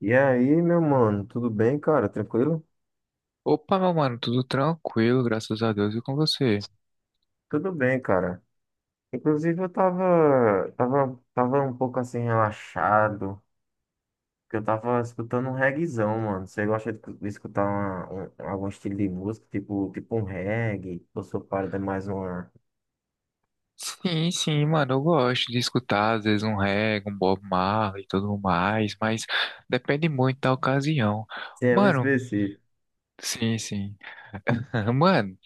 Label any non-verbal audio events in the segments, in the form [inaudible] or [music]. E aí, meu mano, tudo bem, cara? Tranquilo? Opa, meu mano, tudo tranquilo, graças a Deus, e com você? Tudo bem, cara. Inclusive, eu tava um pouco assim relaxado, porque eu tava escutando um reggaezão, mano. Você gosta de escutar algum estilo de música, tipo um reggae, ou sua parada é mais uma... Sim, mano, eu gosto de escutar, às vezes, um reggae, um Bob Marley e tudo mais, mas depende muito da ocasião. Sim, é muito Mano, específico. sim, sim. [laughs] Mano,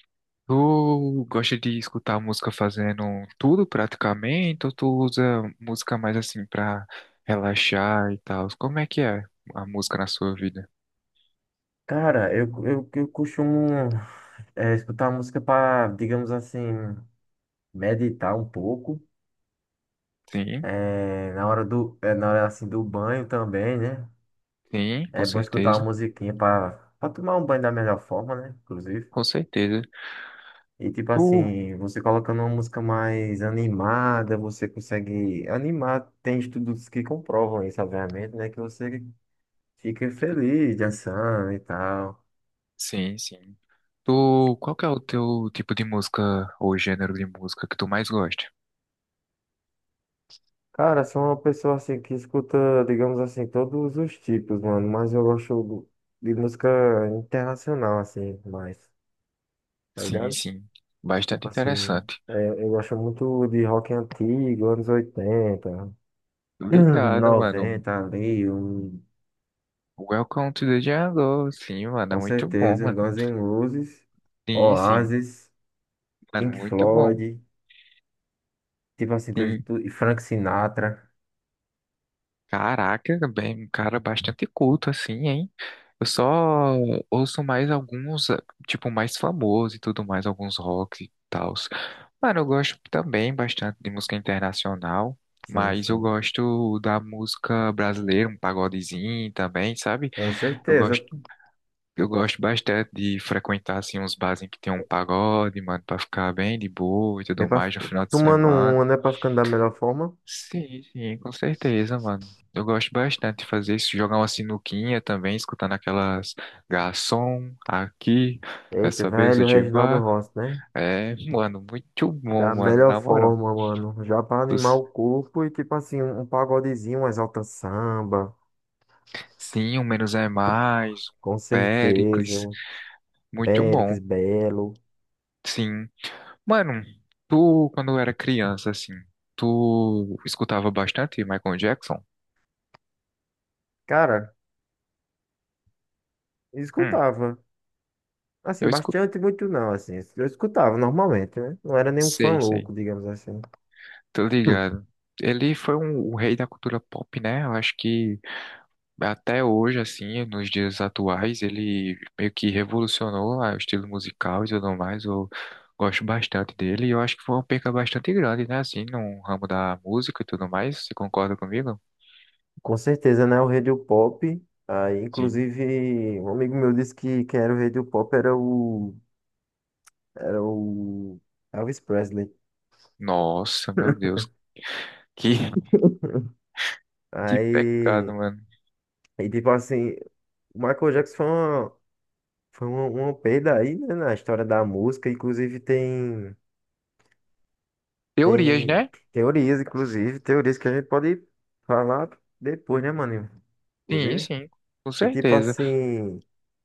tu gosta de escutar música fazendo tudo praticamente, ou tu usa música mais assim pra relaxar e tal? Como é que é a música na sua vida? Cara, eu costumo escutar música pra, digamos assim, meditar um pouco. Sim, Na hora assim do banho também, né? sim, com É bom escutar uma certeza, musiquinha pra tomar um banho da melhor forma, né? Inclusive. com certeza. E tipo Tu assim, você colocando uma música mais animada, você consegue animar. Tem estudos que comprovam isso, obviamente, né? Que você fica feliz dançando e tal. Sim, sim. Tu, qual que é o teu tipo de música ou gênero de música que tu mais gosta? Cara, sou uma pessoa assim que escuta, digamos assim, todos os tipos, mano. Mas de música internacional, assim, mais, tá Sim, ligado? sim. Tipo Bastante assim, interessante. Eu gosto muito de rock antigo, anos 80. [laughs] [clears throat] Obrigado, mano. Noventa ali, Welcome to the jungle. Sim, mano, é com muito bom, certeza, um mano. Guns N' Roses, Sim, sim. Oasis, Mano, Pink muito bom. Floyd, tipo assim, Sim. E Frank Sinatra. Caraca, bem, um cara bastante culto, assim, hein? Eu só ouço mais alguns, tipo, mais famosos e tudo mais, alguns rock e tals. Mano, eu gosto também bastante de música internacional, Sim, mas eu sim, gosto da música brasileira, um pagodezinho também, sabe? com Eu certeza. gosto, eu gosto bastante de frequentar, assim, uns bares em que tem um pagode, mano, pra ficar bem de boa e Bem tudo pra, mais fi- no final de Tomando semana. uma, né, pra ficando da melhor forma. Sim, sim, com certeza, mano. Eu gosto bastante de fazer isso, jogar uma sinuquinha também, escutando aquelas garçom aqui, Eita, nessa mesa velho, de Reginaldo bar. Rossi, né? É, mano, muito Da bom, mano, melhor na moral. forma, mano. Já pra animar Os- o corpo e tipo assim, um pagodezinho, um Exalta Samba, Sim, o menos é mais, o com certeza. Péricles, Um muito Péricles bom. Belo. Sim. Mano, tu, quando era criança, assim, tu escutava bastante Michael Jackson? Cara, Hum, escutava. Assim, eu escutei, bastante, muito não, assim. Eu escutava normalmente, né? Não era nenhum fã sei, sei. louco, digamos assim. Tô Hum, ligado. Ele foi um, o rei da cultura pop, né? Eu acho que até hoje, assim, nos dias atuais, ele meio que revolucionou o estilo musical e tudo mais. Eu gosto bastante dele e eu acho que foi uma perca bastante grande, né? Assim, no ramo da música e tudo mais. Você concorda comigo? com certeza, né? O Radio Pop. Aí, Sim. inclusive, um amigo meu disse que quem era o Radio Pop era o Elvis Presley. Nossa, meu [laughs] Deus. Que, [laughs] que pecado, Aí, mano. aí tipo assim, o Michael Jackson uma perda aí, né, na história da música. Inclusive, Teorias, tem né? teorias, inclusive, teorias que a gente pode falar depois, né, mano? Sim, Inclusive. sim, com E tipo certeza. assim,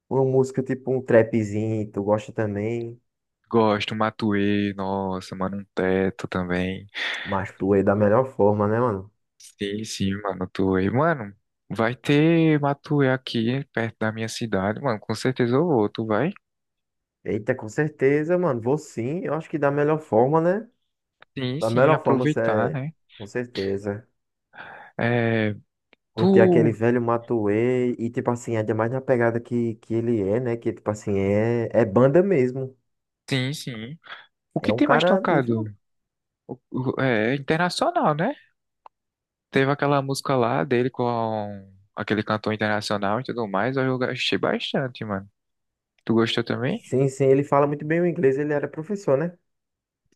uma música tipo um trapzinho, tu gosta também, Gosto, Matuê, nossa, mano, um teto também. mas tu é da melhor forma, né, mano? Sim, sim, Matuê. Mano, vai ter Matuê aqui perto da minha cidade, mano. Com certeza eu vou. Tu vai? Eita, com certeza, mano. Vou sim, eu acho que da melhor forma, né? Sim, Da sim, melhor forma, aproveitar, né? com certeza. É, Curtir aquele tu. velho Matuê e tipo assim, ainda mais na pegada que ele é, né? Que tipo assim, é banda mesmo. Sim, sim. O É que um tem mais cara tocado? nível. É internacional, né? Teve aquela música lá dele com aquele cantor internacional e tudo mais. Eu gostei bastante, mano. Tu gostou também? Sim, sim, ele fala muito bem o inglês, ele era professor, né?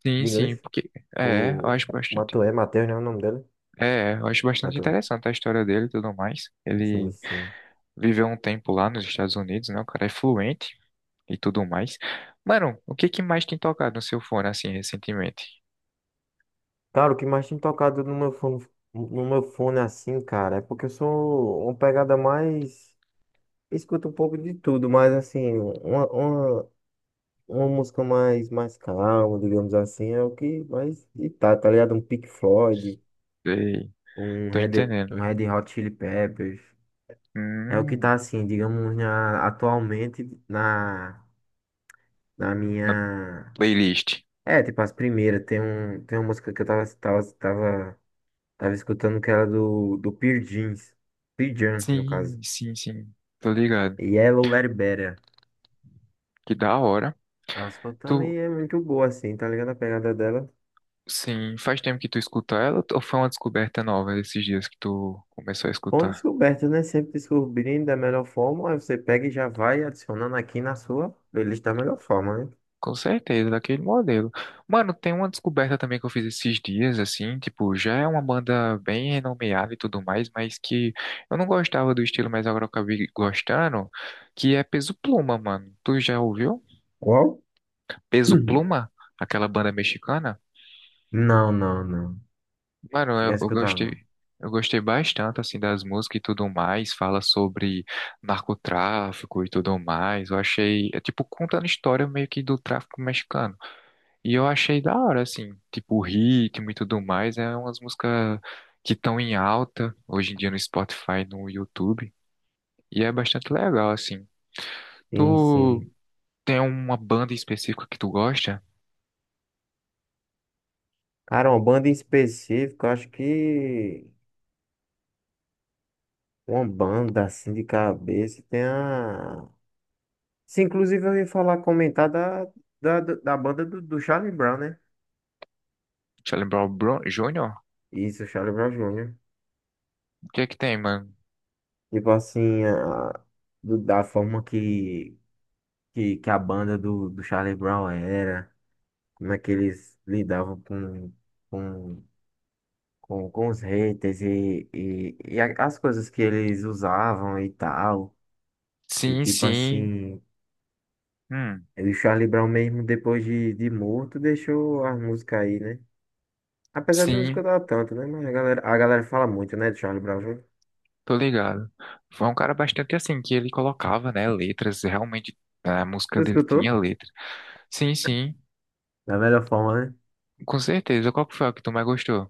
Sim, De sim, inglês. porque. É, eu O acho bastante. Matuê, Matheus, né? O nome dele? É, eu acho bastante Matuê. interessante a história dele e tudo mais. Sim, Ele. sim. Viveu um tempo lá nos Estados Unidos, né? O cara é fluente e tudo mais. Mano, o que que mais tem tocado no seu fone assim recentemente? Cara, o que mais tem tocado no meu fone, no meu fone assim, cara, é porque eu sou uma pegada mais. Escuto um pouco de tudo, mas assim, uma música mais, mais calma, digamos assim, é o que mais. E tá, tá ligado? Um Pink Floyd, Sei, tô entendendo. um Red Hot Chili Peppers. É o que tá Hum, assim, digamos, atualmente na, na na minha. playlist. É, tipo, as primeiras. Tem, um, tem uma música que eu tava escutando que era do Pearl Jeans. Pearl Jam, no caso. Sim, sim, sim. Tô ligado. Yellow Let It Better. Que da hora. Tava escutando Tu, e é muito boa, assim, tá ligado? A pegada dela. sim, faz tempo que tu escuta ela ou foi uma descoberta nova esses dias que tu começou a Bom escutar? descoberta, né? Sempre descobrindo da melhor forma. Aí você pega e já vai adicionando aqui na sua playlist da melhor forma, né? Com certeza, daquele modelo. Mano, tem uma descoberta também que eu fiz esses dias, assim, tipo, já é uma banda bem renomeada e tudo mais, mas que eu não gostava do estilo, mas agora eu acabei gostando, que é Peso Pluma, mano. Tu já ouviu? Qual? Peso [clears throat] Pluma? Aquela banda mexicana? Não, não, não. Mano, Cheguei a eu escutar, gostei. não. Eu gostei bastante, assim, das músicas e tudo mais. Fala sobre narcotráfico e tudo mais. Eu achei, é tipo, contando história meio que do tráfico mexicano. E eu achei da hora, assim, tipo o ritmo e tudo mais, é umas músicas que estão em alta hoje em dia no Spotify, no YouTube, e é bastante legal, assim. Sim, Tu sim. tem uma banda específica que tu gosta? Cara, uma banda em específico, eu acho que uma banda assim de cabeça tem a. Se inclusive eu ouvi falar comentar da banda do Charlie Brown, né? Jr.? Isso, Charlie Brown Jr. O que é que tem, mano? Tipo assim, da forma que a banda do Charlie Brown era, como é que eles lidavam com, com os haters as coisas que eles usavam e tal. E Sim, tipo sim, assim, hum, o Charlie Brown mesmo depois de morto deixou a música aí, né? Apesar de eu não sim, escutar tanto, né? Mas a galera fala muito, né, de Charlie Brown Jr. tô ligado. Foi um cara bastante assim, que ele colocava, né, letras, realmente a Tu música dele tinha escutou? letra. Sim, sim, Da melhor forma, né? com certeza. Qual que foi a que tu mais gostou?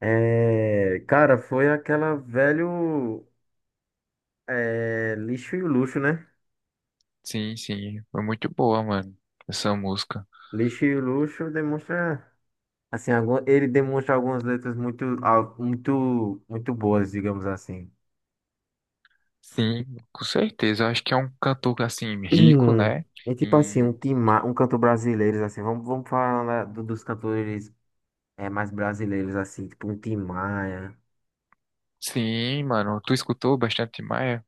É, cara, foi aquela velho lixo e o luxo, né? Sim, sim, foi muito boa, mano, essa música. Lixo e o luxo demonstra, assim, algum, ele demonstra algumas letras muito, muito, muito boas, digamos assim. [clears throat] Sim, com certeza. Eu acho que é um cantor assim rico, Hum, né? é tipo assim, um, Em- tima, um canto brasileiro, assim, vamos falar dos cantores mais brasileiros, assim, tipo um Tim Maia. Sim, mano, tu escutou bastante Maia?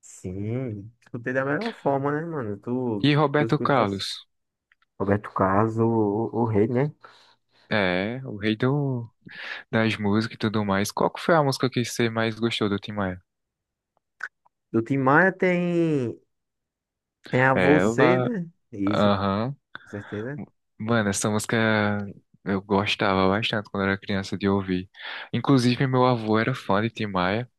Sim, escutei da melhor forma, né, mano? Tu, E tu Roberto escutas Carlos? Roberto Carlos, o rei, né? É, o rei do... das músicas e tudo mais. Qual que foi a música que você mais gostou do Tim Maia? Do Tim Maia tem, tem a você, Ela, né? Isso, com aham. certeza. Mano, essa música eu gostava bastante quando era criança de ouvir. Inclusive, meu avô era fã de Tim Maia.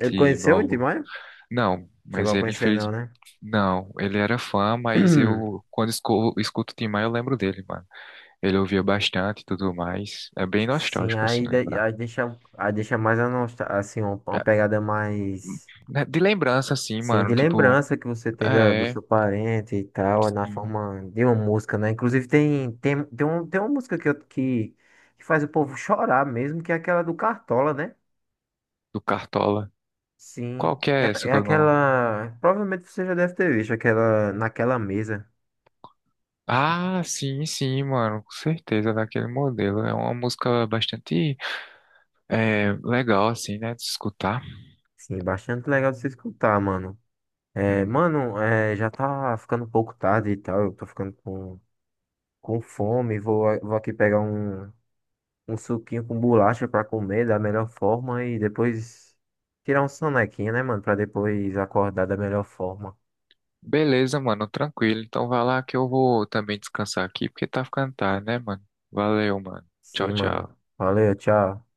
Ele meu conheceu o Tim avô. Maia? Não, Chegou mas a ele conhecer, infeliz. não, né? Não, ele era fã, mas eu, [clears throat] escuto o Tim Maia, eu lembro dele, mano. Ele ouvia bastante e tudo mais. É bem Sim, nostálgico, assim, lembrar. Aí deixa mais a nostalgia, assim, uma É, pegada mais. né, de lembrança, assim, Sim, de mano, tipo, lembrança que você tem da, do é, seu parente e tal, na sim, forma de uma música, né? Inclusive tem uma música que faz o povo chorar mesmo, que é aquela do Cartola, né? do Cartola. Qual Sim. que é É, essa é que eu não... aquela. Provavelmente você já deve ter visto aquela naquela mesa. Ah, sim, sim, mano, com certeza, daquele modelo. É uma música bastante legal, assim, né, de escutar. Sim, bastante legal de você escutar, mano. É, Uhum. mano, é, já tá ficando um pouco tarde e tal. Eu tô ficando com fome. Vou aqui pegar um suquinho com bolacha pra comer da melhor forma e depois tirar um sonequinho, né, mano? Pra depois acordar da melhor forma. Beleza, mano, tranquilo. Então vai lá que eu vou também descansar aqui, porque tá ficando tarde, né, mano? Valeu, mano. Sim, Tchau, tchau. mano. Valeu, tchau.